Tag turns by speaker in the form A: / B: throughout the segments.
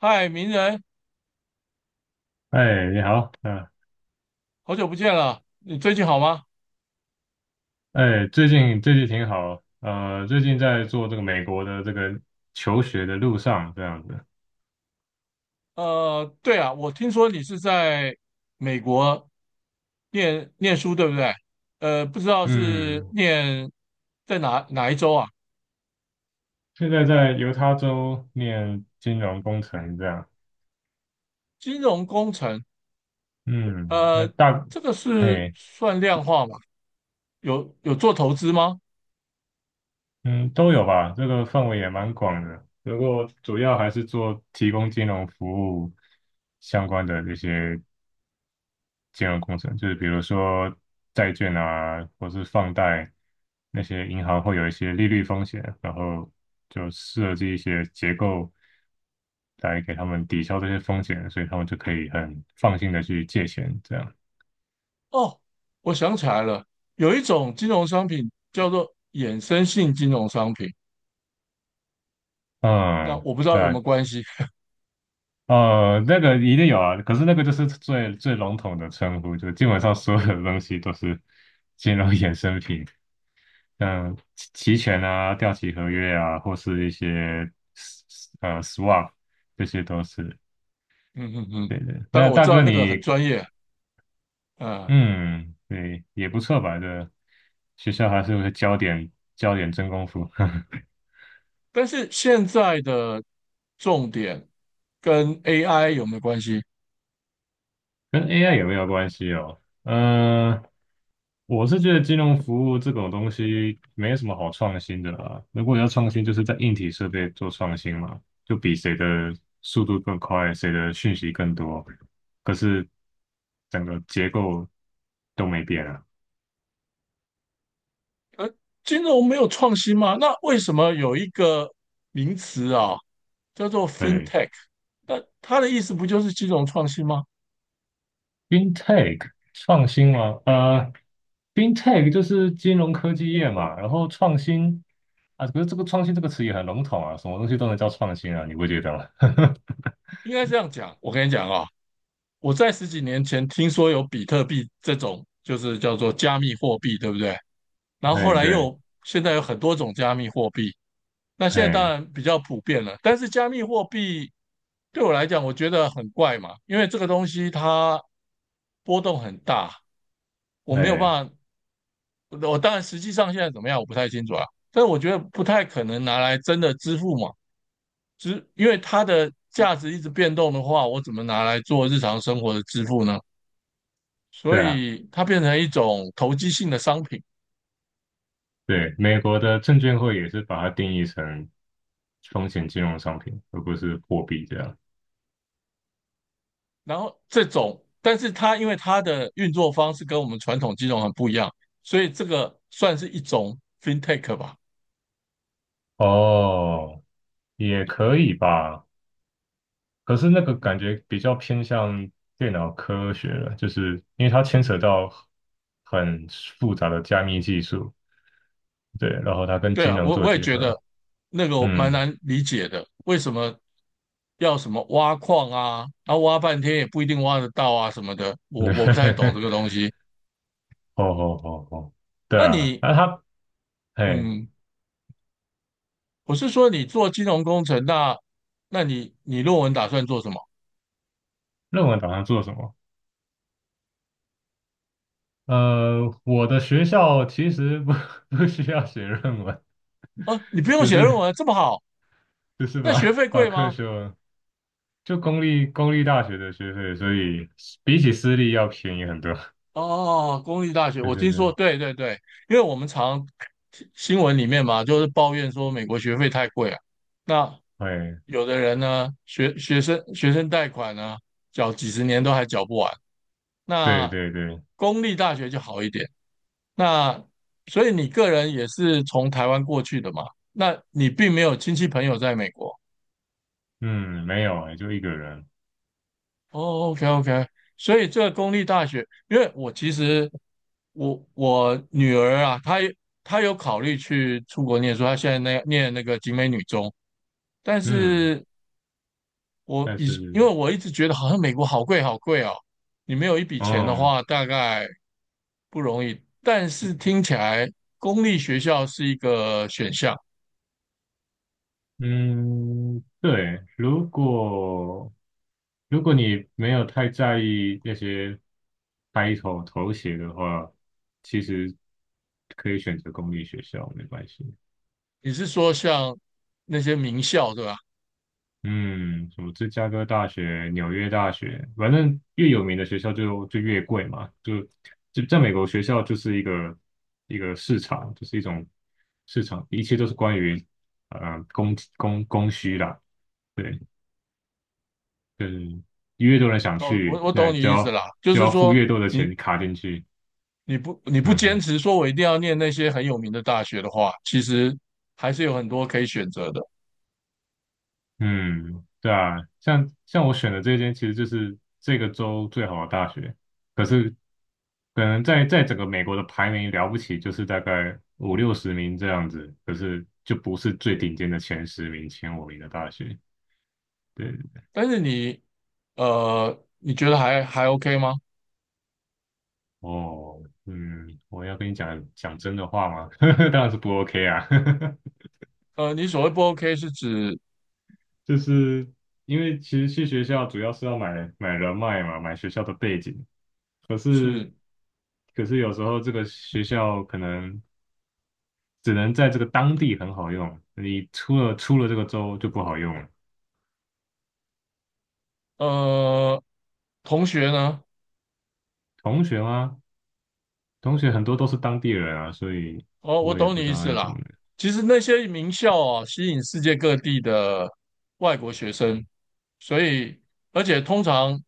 A: 嗨，名人，
B: 哎，你好，
A: 好久不见了，你最近好吗？
B: 哎，最近挺好，最近在做这个美国的这个求学的路上，这样子。
A: 对啊，我听说你是在美国念书，对不对？不知道是
B: 嗯，
A: 念在哪一州啊？
B: 现在在犹他州念金融工程，这样。
A: 金融工程，
B: 嗯，那
A: 呃，
B: 大，
A: 这个是
B: 哎，
A: 算量化吗？有做投资吗？
B: 嗯，都有吧，这个范围也蛮广的，不过主要还是做提供金融服务相关的这些金融工程，就是比如说债券啊，或是放贷，那些银行会有一些利率风险，然后就设计一些结构来给他们抵消这些风险，所以他们就可以很放心的去借钱，这样。
A: 哦，我想起来了，有一种金融商品叫做衍生性金融商品，那
B: 嗯，
A: 我不知
B: 对
A: 道有没
B: 啊。
A: 有关系。
B: 那个一定有啊，可是那个就是最笼统的称呼，就基本上所有的东西都是金融衍生品。嗯,期权啊掉期合约啊，或是一些 swap,这些都是
A: 嗯嗯嗯，
B: 对的。
A: 当然
B: 那
A: 我
B: 大
A: 知道
B: 哥
A: 那个很
B: 你，
A: 专业，嗯、
B: 嗯，对，也不错吧？这学校还是有个焦点教点真功夫。
A: 但是现在的重点跟 AI 有没有关系？
B: 跟 AI 有没有关系？我是觉得金融服务这种东西没什么好创新的啦。如果要创新，就是在硬体设备做创新嘛，就比谁的速度更快，谁的讯息更多。可是整个结构都没变啊。
A: 金融没有创新吗？那为什么有一个名词啊，叫做
B: 对
A: FinTech？那它的意思不就是金融创新吗？
B: ，FinTech 创新嘛，FinTech 就是金融科技业嘛，然后创新啊，可是这个创新这个词也很笼统啊，什么东西都能叫创新啊，你不觉得吗？
A: 应该这样讲。我跟你讲啊，我在十几年前听说有比特币这种，就是叫做加密货币，对不对？然后后
B: 哎，
A: 来
B: 对。
A: 现在有很多种加密货币，那现在当
B: 哎。
A: 然比较普遍了，但是加密货币对我来讲，我觉得很怪嘛，因为这个东西它波动很大，我没有
B: 哎，
A: 办法，我当然实际上现在怎么样我不太清楚啊，但我觉得不太可能拿来真的支付嘛，只因为它的价值一直变动的话，我怎么拿来做日常生活的支付呢？所
B: 对啊。
A: 以它变成一种投机性的商品，
B: 对，美国的证券会也是把它定义成风险金融商品，而不是货币这样。
A: 然后这种，但是它因为它的运作方式跟我们传统金融很不一样，所以这个算是一种 fintech 吧。
B: 哦，也可以吧，可是那个感觉比较偏向电脑科学了，就是因为它牵扯到很复杂的加密技术，对，然后它跟
A: 对
B: 金
A: 啊，
B: 融
A: 我
B: 做
A: 我也
B: 结
A: 觉
B: 合。
A: 得那个我蛮
B: 嗯。
A: 难理解的，为什么要什么挖矿啊，然后挖半天也不一定挖得到啊什么的，我不太懂 这个东西。
B: 哦哦哦哦，对
A: 那
B: 啊，
A: 你，
B: 那他，哎，
A: 嗯，我是说你做金融工程，那你论文打算做什么？
B: 论文打算做什么？我的学校其实不 不需要写论文，
A: 啊，你不用
B: 就
A: 写论
B: 是
A: 文，这么好，
B: 就是
A: 那学
B: 把
A: 费
B: 把
A: 贵
B: 课
A: 吗？
B: 修，就公立大学的学费，所以比起私立要便宜很多。
A: 哦，哦哦公立大学，
B: 对
A: 我
B: 对
A: 听说，
B: 对。
A: 对对对，因为我们常新闻里面嘛，就是抱怨说美国学费太贵啊。那
B: 会，
A: 有的人呢，学生贷款呢，缴几十年都还缴不完。
B: 对
A: 那
B: 对对。
A: 公立大学就好一点。那所以你个人也是从台湾过去的嘛？那你并没有亲戚朋友在美国。
B: 嗯，没有哎，就一个人。
A: 哦，OK OK，所以这个公立大学，因为我其实我女儿啊，她有考虑去出国念书，她现在那念那个景美女中，但
B: 嗯。
A: 是
B: 但
A: 因
B: 是。
A: 为我一直觉得好像美国好贵好贵哦，你没有一笔钱的
B: 哦。
A: 话，大概不容易。但是听起来公立学校是一个选项，
B: 嗯，对，如果如果你没有太在意那些 title 头衔的话，其实可以选择公立学校，没关系。
A: 你是说像那些名校对吧？
B: 嗯，什么芝加哥大学、纽约大学，反正越有名的学校就越贵嘛，就就在美国学校就是一个一个市场，就是一种市场，一切都是关于供需啦。对。就是越多人想
A: 哦，我
B: 去，
A: 我懂
B: 那
A: 你
B: 就
A: 意思
B: 要
A: 啦，就
B: 就
A: 是
B: 要付
A: 说
B: 越多的
A: 你
B: 钱卡进去。
A: 你不
B: 嗯
A: 坚
B: 哼。
A: 持说我一定要念那些很有名的大学的话，其实还是有很多可以选择的。
B: 嗯，对啊，像我选的这间，其实就是这个州最好的大学，可是可能在整个美国的排名了不起，就是大概五六十名这样子，可是就不是最顶尖的前十名、前五名的大学。对。
A: 但是你觉得还 OK 吗？
B: 哦。嗯，我要跟你讲讲真的话吗？当然是不 OK 啊。
A: 你所谓不 OK 是指
B: 就是因为其实去学校主要是要买人脉嘛，买学校的背景。可是。
A: 是
B: 可是有时候这个学校可能只能在这个当地很好用，你出了这个州就不好用了。
A: 呃同学呢？
B: 同学吗？同学很多都是当地人啊，所以
A: 哦，我
B: 我也
A: 懂
B: 不
A: 你
B: 知
A: 意
B: 道
A: 思
B: 要怎
A: 啦。
B: 么
A: 其实那些名校啊，吸引世界各地的外国学生，所以而且通常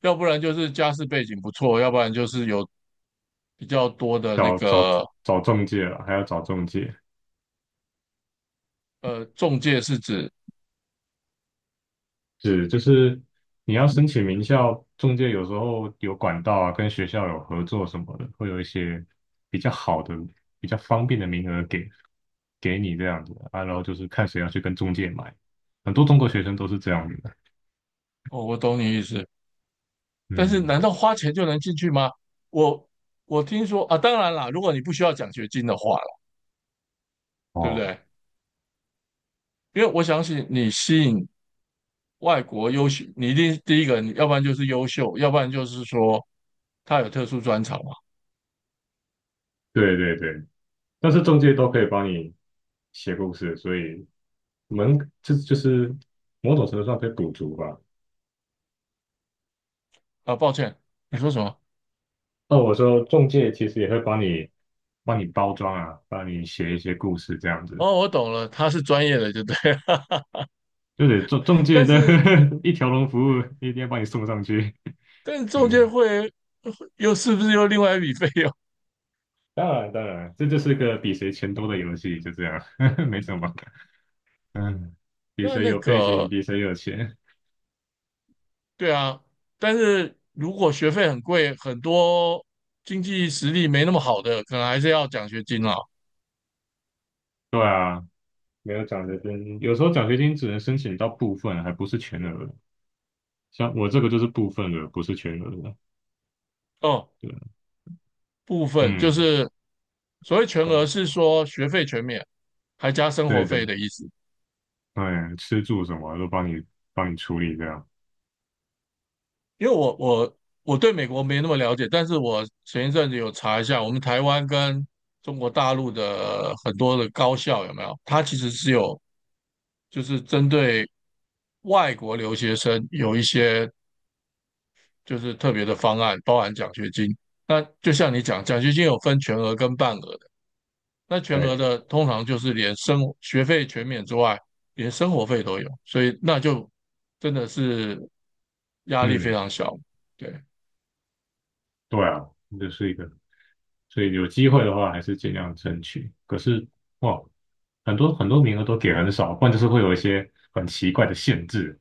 A: 要不然就是家世背景不错，要不然就是有比较多的那
B: 找找
A: 个，
B: 找中介了，还要找中介。
A: 中介是指，
B: 是，就是你要申请名校，中介有时候有管道啊，跟学校有合作什么的，会有一些比较好的、比较方便的名额给你这样子啊，然后就是看谁要去跟中介买，很多中国学生都是这样子的。
A: 哦，我懂你意思。但是，难
B: 嗯。
A: 道花钱就能进去吗？我我听说啊，当然啦，如果你不需要奖学金的话啦，对不
B: 哦，
A: 对？因为我相信你吸引外国优秀，你一定第一个，你要不然就是优秀，要不然就是说他有特殊专长嘛。
B: 对对对，但是中介都可以帮你写故事，所以我们这就是某种程度上可以补足吧。
A: 啊，抱歉，你说什么？
B: 那我说中介其实也会帮你包装啊，帮你写一些故事这样子。
A: 哦，我懂了，他是专业的，就对了。
B: 就得中中 介
A: 但
B: 的
A: 是，
B: 一条龙服务，一定要把你送上去。
A: 但是中介
B: 嗯，
A: 会又是不是又另外一笔费用？
B: 当然当然，这就是个比谁钱多的游戏，就这样，没什么。嗯，比
A: 那
B: 谁
A: 那
B: 有背景，
A: 个
B: 比谁有钱。
A: 对啊，但是如果学费很贵，很多经济实力没那么好的，可能还是要奖学金啦。
B: 对啊，没有奖学金，有时候奖学金只能申请到部分，还不是全额。像我这个就是部分额，不是全额的。
A: 哦，
B: 对啊。
A: 部分就
B: 嗯。
A: 是所谓全额是说学费全免，还加生活
B: 对
A: 费
B: 对，
A: 的意思。
B: 哎，吃住什么都帮你处理这样。
A: 因为我对美国没那么了解，但是我前一阵子有查一下，我们台湾跟中国大陆的很多的高校有没有？它其实是有就是针对外国留学生有一些就是特别的方案，包含奖学金。那就像你讲，奖学金有分全额跟半额的。那全额
B: 对。
A: 的通常就是连学费全免之外，连生活费都有，所以那就真的是压力非
B: 嗯。
A: 常小。对，
B: 对啊，这是一个，所以有机会的话还是尽量争取。可是哇，很多名额都给很少，不然就是会有一些很奇怪的限制，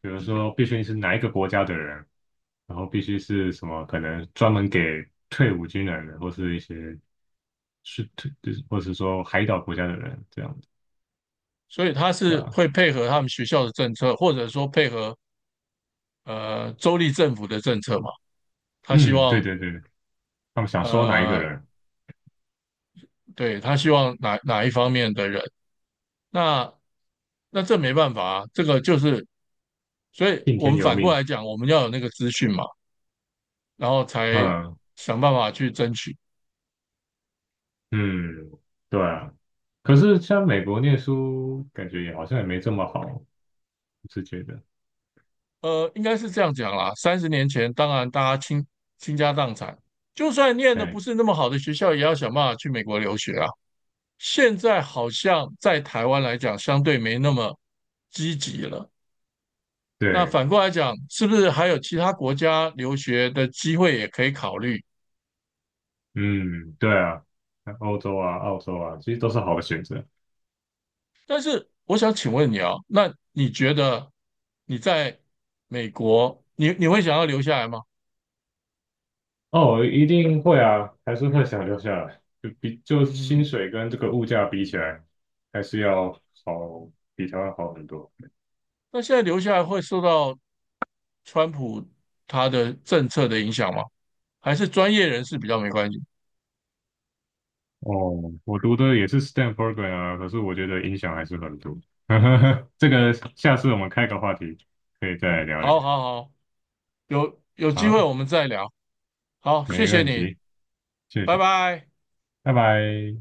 B: 比如说必须是哪一个国家的人，然后必须是什么可能专门给退伍军人的，或是一些是退，就是或是说海岛国家的人这样子。
A: 所以他
B: 对
A: 是
B: 啊。
A: 会配合他们学校的政策，或者说配合州立政府的政策嘛。他希
B: 嗯，对
A: 望
B: 对对，他们想收哪一个
A: 呃，
B: 人。
A: 对他希望哪一方面的人，那这没办法啊，这个就是所以
B: 听
A: 我
B: 天
A: 们
B: 由
A: 反过
B: 命。
A: 来讲，我们要有那个资讯嘛，然后才
B: 嗯，
A: 想办法去争取。
B: 嗯，对啊。可是像美国念书，感觉也好像也没这么好，我是觉得，
A: 应该是这样讲啦。30年前，当然大家倾家荡产，就算念的不
B: 哎，
A: 是那么好的学校，也要想办法去美国留学啊。现在好像在台湾来讲，相对没那么积极了。那
B: 对。
A: 反过来讲，是不是还有其他国家留学的机会也可以考虑？
B: 嗯，对啊，像欧洲啊、澳洲啊，其实都是好的选择。
A: 但是我想请问你啊，那你觉得你在美国，你会想要留下来吗？
B: 哦，一定会啊，还是会想留下来，就薪
A: 嗯，
B: 水跟这个物价比起来，还是要好，比台湾好很多。
A: 那现在留下来会受到川普他的政策的影响吗？还是专业人士比较没关系？
B: 哦，我读的也是 STEM program 啊，可是我觉得影响还是很多。这个下次我们开个话题，可以再来聊聊。
A: 好好好，有机会
B: 好，
A: 我们再聊。好，谢
B: 没
A: 谢
B: 问
A: 你，
B: 题。谢
A: 拜
B: 谢，
A: 拜。
B: 拜拜。